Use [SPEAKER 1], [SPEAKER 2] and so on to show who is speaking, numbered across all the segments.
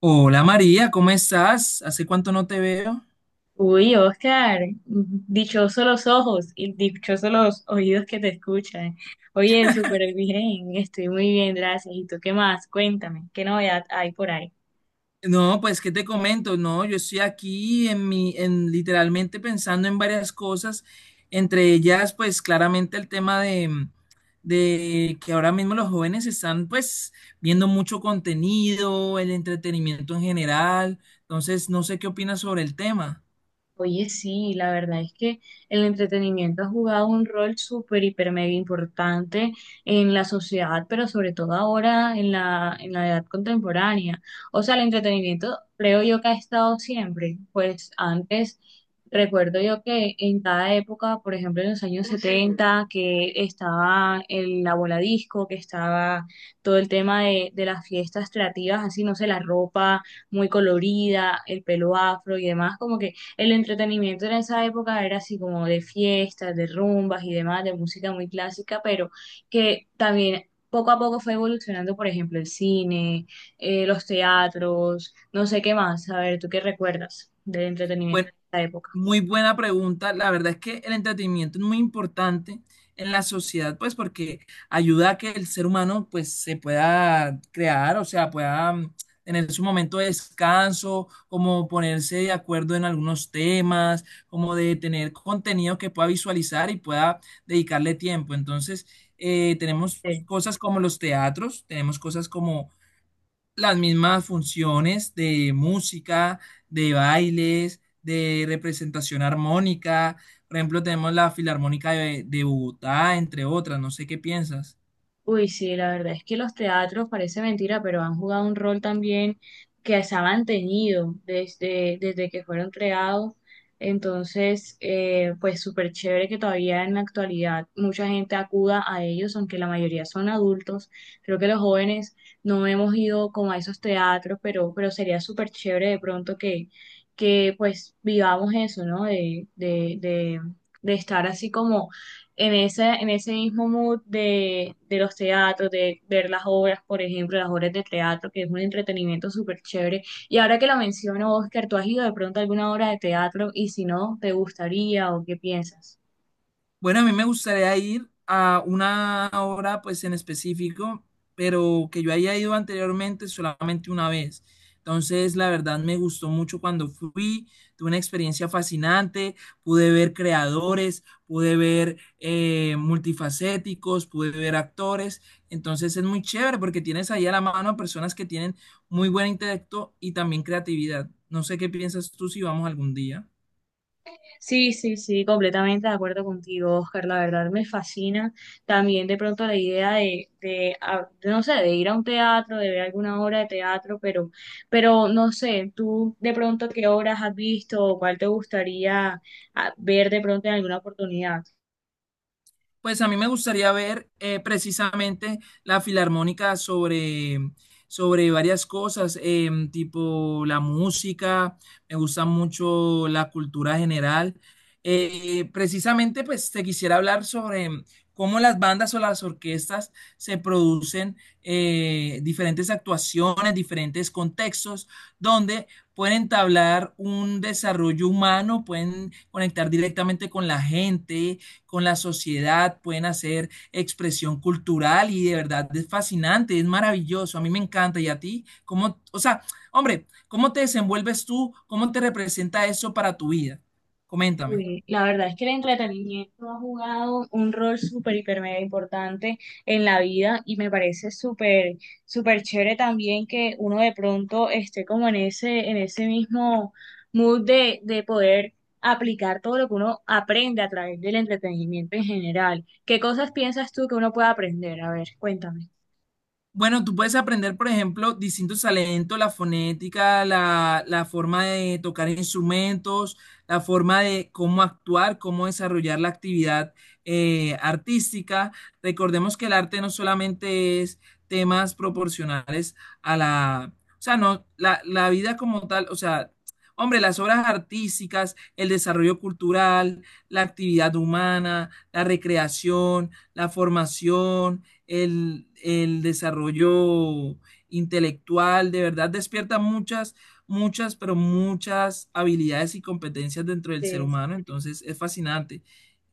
[SPEAKER 1] Hola María, ¿cómo estás? ¿Hace cuánto no te veo?
[SPEAKER 2] Uy, Oscar, dichosos los ojos y dichosos los oídos que te escuchan. Oye, súper bien, estoy muy bien, gracias. ¿Y tú qué más? Cuéntame, ¿qué novedad hay por ahí?
[SPEAKER 1] No, pues qué te comento, no, yo estoy aquí en literalmente pensando en varias cosas, entre ellas, pues claramente el tema de que ahora mismo los jóvenes están pues viendo mucho contenido, el entretenimiento en general, entonces no sé qué opinas sobre el tema.
[SPEAKER 2] Oye, sí, la verdad es que el entretenimiento ha jugado un rol súper, hiper, mega importante en la sociedad, pero sobre todo ahora en la edad contemporánea. O sea, el entretenimiento creo yo que ha estado siempre. Pues antes, recuerdo yo que en cada época, por ejemplo, en los años 70 que estaba la bola disco, que estaba todo el tema de las fiestas creativas, así, no sé, la ropa muy colorida, el pelo afro y demás, como el entretenimiento en esa época era así como de fiestas, de rumbas y demás, de música muy clásica, pero que también poco a poco fue evolucionando, por ejemplo, el cine, los teatros, no sé qué más. A ver, ¿tú qué recuerdas del entretenimiento
[SPEAKER 1] Bueno,
[SPEAKER 2] de esa época?
[SPEAKER 1] muy buena pregunta. La verdad es que el entretenimiento es muy importante en la sociedad, pues porque ayuda a que el ser humano pues se pueda crear, o sea, pueda tener su momento de descanso, como ponerse de acuerdo en algunos temas, como de tener contenido que pueda visualizar y pueda dedicarle tiempo. Entonces, tenemos cosas como los teatros, tenemos cosas como las mismas funciones de música, de bailes, de representación armónica. Por ejemplo, tenemos la Filarmónica de Bogotá, entre otras. No sé qué piensas.
[SPEAKER 2] Uy, sí, la verdad es que los teatros, parece mentira, pero han jugado un rol también que se ha mantenido desde que fueron creados. Entonces, pues súper chévere que todavía en la actualidad mucha gente acuda a ellos, aunque la mayoría son adultos. Creo que los jóvenes no hemos ido como a esos teatros, pero sería súper chévere de pronto que pues vivamos eso, ¿no? De estar así como en ese mismo mood de los teatros, de ver las obras, por ejemplo, las obras de teatro, que es un entretenimiento súper chévere. Y ahora que lo menciono, Oscar, ¿tú has ido de pronto a alguna obra de teatro? Y si no, ¿te gustaría o qué piensas?
[SPEAKER 1] Bueno, a mí me gustaría ir a una obra, pues en específico, pero que yo haya ido anteriormente solamente una vez. Entonces, la verdad me gustó mucho cuando fui, tuve una experiencia fascinante, pude ver creadores, pude ver multifacéticos, pude ver actores. Entonces, es muy chévere porque tienes ahí a la mano a personas que tienen muy buen intelecto y también creatividad. No sé qué piensas tú si vamos algún día.
[SPEAKER 2] Sí, sí, sí, completamente de acuerdo contigo, Oscar. La verdad me fascina también de pronto la idea no sé, de ir a un teatro, de ver alguna obra de teatro, pero no sé, tú de pronto qué obras has visto o cuál te gustaría ver de pronto en alguna oportunidad.
[SPEAKER 1] Pues a mí me gustaría ver precisamente la filarmónica sobre varias cosas, tipo la música, me gusta mucho la cultura general. Precisamente, pues te quisiera hablar sobre cómo las bandas o las orquestas se producen diferentes actuaciones, diferentes contextos, donde pueden entablar un desarrollo humano, pueden conectar directamente con la gente con la sociedad, pueden hacer expresión cultural y de verdad es fascinante, es maravilloso, a mí me encanta. Y a ti, ¿cómo, o sea, hombre, cómo te desenvuelves tú? ¿Cómo te representa eso para tu vida? Coméntame.
[SPEAKER 2] Uy, la verdad es que el entretenimiento ha jugado un rol súper, hiper, mega importante en la vida y me parece súper, súper chévere también que uno de pronto esté como en en ese mismo mood de poder aplicar todo lo que uno aprende a través del entretenimiento en general. ¿Qué cosas piensas tú que uno puede aprender? A ver, cuéntame.
[SPEAKER 1] Bueno, tú puedes aprender, por ejemplo, distintos talentos, la fonética, la forma de tocar instrumentos, la forma de cómo actuar, cómo desarrollar la actividad artística. Recordemos que el arte no solamente es temas proporcionales a la, o sea, no, la vida como tal, o sea, hombre, las obras artísticas, el desarrollo cultural, la actividad humana, la recreación, la formación, el desarrollo intelectual, de verdad despierta muchas, muchas, pero muchas habilidades y competencias dentro del ser humano, entonces es fascinante.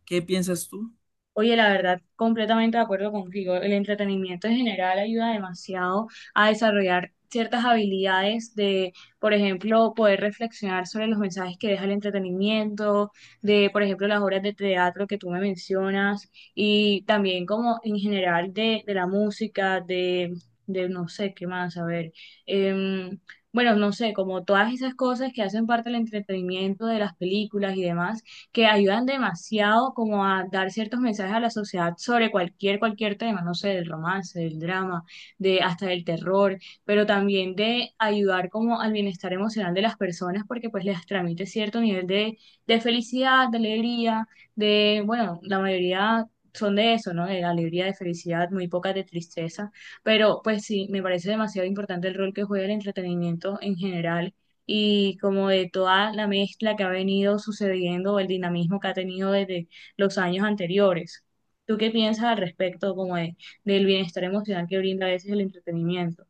[SPEAKER 1] ¿Qué piensas tú?
[SPEAKER 2] Oye, la verdad, completamente de acuerdo contigo. El entretenimiento en general ayuda demasiado a desarrollar ciertas habilidades de, por ejemplo, poder reflexionar sobre los mensajes que deja el entretenimiento, de, por ejemplo, las obras de teatro que tú me mencionas, y también como en general de la música, de no sé qué más, a ver. em, bueno, no sé, como todas esas cosas que hacen parte del entretenimiento de las películas y demás que ayudan demasiado como a dar ciertos mensajes a la sociedad sobre cualquier, cualquier tema, no sé, del romance, del drama, de hasta del terror, pero también de ayudar como al bienestar emocional de las personas porque pues les transmite cierto nivel de felicidad, de alegría, de, bueno, la mayoría... Son de eso, ¿no? De alegría, de felicidad, muy pocas de tristeza. Pero pues sí, me parece demasiado importante el rol que juega el entretenimiento en general y como de toda la mezcla que ha venido sucediendo, el dinamismo que ha tenido desde los años anteriores. ¿Tú qué piensas al respecto como del bienestar emocional que brinda a veces el entretenimiento?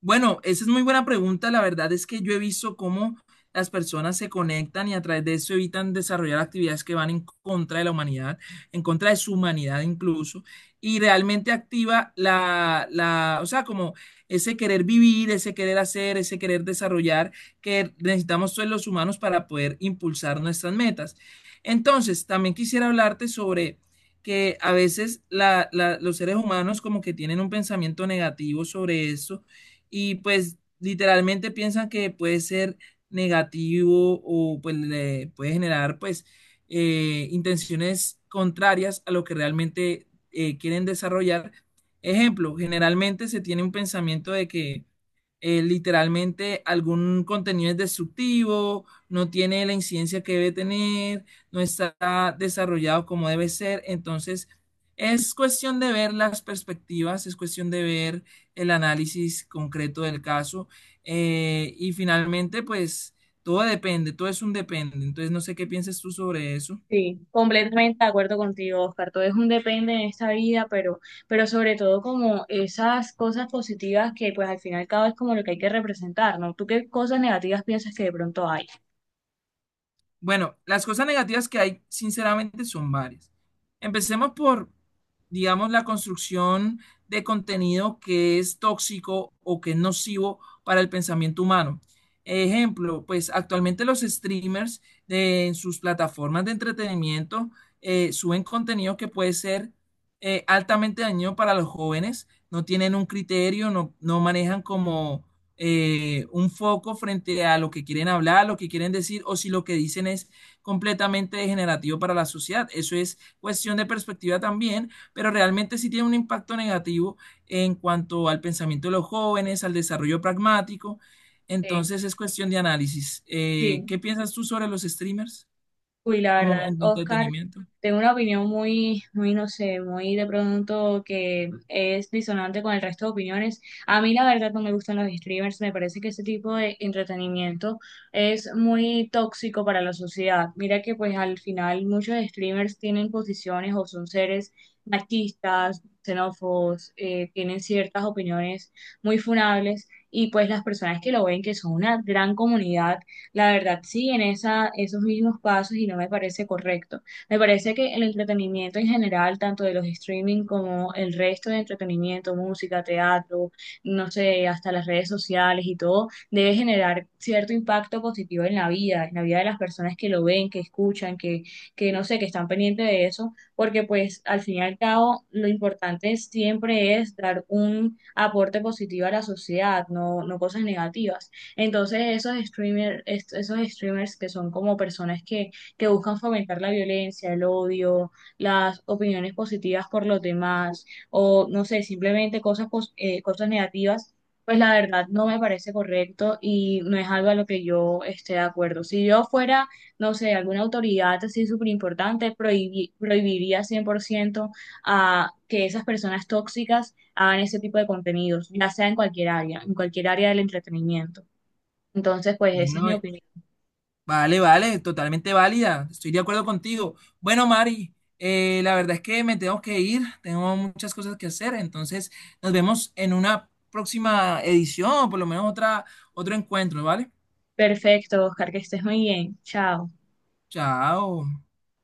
[SPEAKER 1] Bueno, esa es muy buena pregunta. La verdad es que yo he visto cómo las personas se conectan y a través de eso evitan desarrollar actividades que van en contra de la humanidad, en contra de su humanidad incluso, y realmente activa o sea, como ese querer vivir, ese querer hacer, ese querer desarrollar que necesitamos todos los humanos para poder impulsar nuestras metas. Entonces, también quisiera hablarte sobre que a veces los seres humanos como que tienen un pensamiento negativo sobre esto y pues literalmente piensan que puede ser negativo o pues le puede generar pues intenciones contrarias a lo que realmente quieren desarrollar. Ejemplo, generalmente se tiene un pensamiento de que literalmente algún contenido es destructivo, no tiene la incidencia que debe tener, no está desarrollado como debe ser. Entonces, es cuestión de ver las perspectivas, es cuestión de ver el análisis concreto del caso. Y finalmente, pues, todo depende, todo es un depende. Entonces, no sé qué piensas tú sobre eso.
[SPEAKER 2] Sí, completamente de acuerdo contigo, Oscar. Todo es un depende en esta vida, pero sobre todo como esas cosas positivas que pues al final y al cabo es como lo que hay que representar, ¿no? ¿Tú qué cosas negativas piensas que de pronto hay?
[SPEAKER 1] Bueno, las cosas negativas que hay, sinceramente, son varias. Empecemos por, digamos, la construcción de contenido que es tóxico o que es nocivo para el pensamiento humano. Ejemplo, pues actualmente los streamers en sus plataformas de entretenimiento suben contenido que puede ser altamente dañino para los jóvenes, no tienen un criterio, no manejan como un foco frente a lo que quieren hablar, lo que quieren decir, o si lo que dicen es completamente degenerativo para la sociedad. Eso es cuestión de perspectiva también, pero realmente sí tiene un impacto negativo en cuanto al pensamiento de los jóvenes, al desarrollo pragmático.
[SPEAKER 2] Sí.
[SPEAKER 1] Entonces es cuestión de análisis.
[SPEAKER 2] Sí.
[SPEAKER 1] ¿Qué piensas tú sobre los streamers
[SPEAKER 2] Uy, la
[SPEAKER 1] como
[SPEAKER 2] verdad,
[SPEAKER 1] de
[SPEAKER 2] Oscar,
[SPEAKER 1] entretenimiento?
[SPEAKER 2] tengo una opinión muy, muy, no sé, muy de pronto que es disonante con el resto de opiniones. A mí la verdad no me gustan los streamers, me parece que ese tipo de entretenimiento es muy tóxico para la sociedad. Mira que pues al final muchos streamers tienen posiciones o son seres machistas, xenófobos, tienen ciertas opiniones muy funables y pues las personas que lo ven, que son una gran comunidad la verdad, sí, en esos mismos pasos y no me parece correcto. Me parece que el entretenimiento en general, tanto de los streaming como el resto de entretenimiento, música, teatro, no sé, hasta las redes sociales y todo, debe generar cierto impacto positivo en la vida de las personas que lo ven, que escuchan, que no sé, que están pendientes de eso, porque pues al fin y al cabo lo importante siempre es dar un aporte positivo a la sociedad, no, no cosas negativas. Entonces, esos streamers que son como personas que buscan fomentar la violencia, el odio, las opiniones positivas por los demás, o no sé, simplemente cosas negativas, pues la verdad no me parece correcto y no es algo a lo que yo esté de acuerdo. Si yo fuera, no sé, alguna autoridad así súper importante, prohibiría 100% a que esas personas tóxicas hagan ese tipo de contenidos, ya sea en cualquier área del entretenimiento. Entonces, pues esa es
[SPEAKER 1] Bueno,
[SPEAKER 2] mi opinión.
[SPEAKER 1] vale, vale, totalmente válida. Estoy de acuerdo contigo. Bueno, Mari, la verdad es que me tengo que ir. Tengo muchas cosas que hacer. Entonces, nos vemos en una próxima edición o por lo menos otro encuentro, ¿vale?
[SPEAKER 2] Perfecto, Oscar, que estés muy bien. Chao.
[SPEAKER 1] Chao.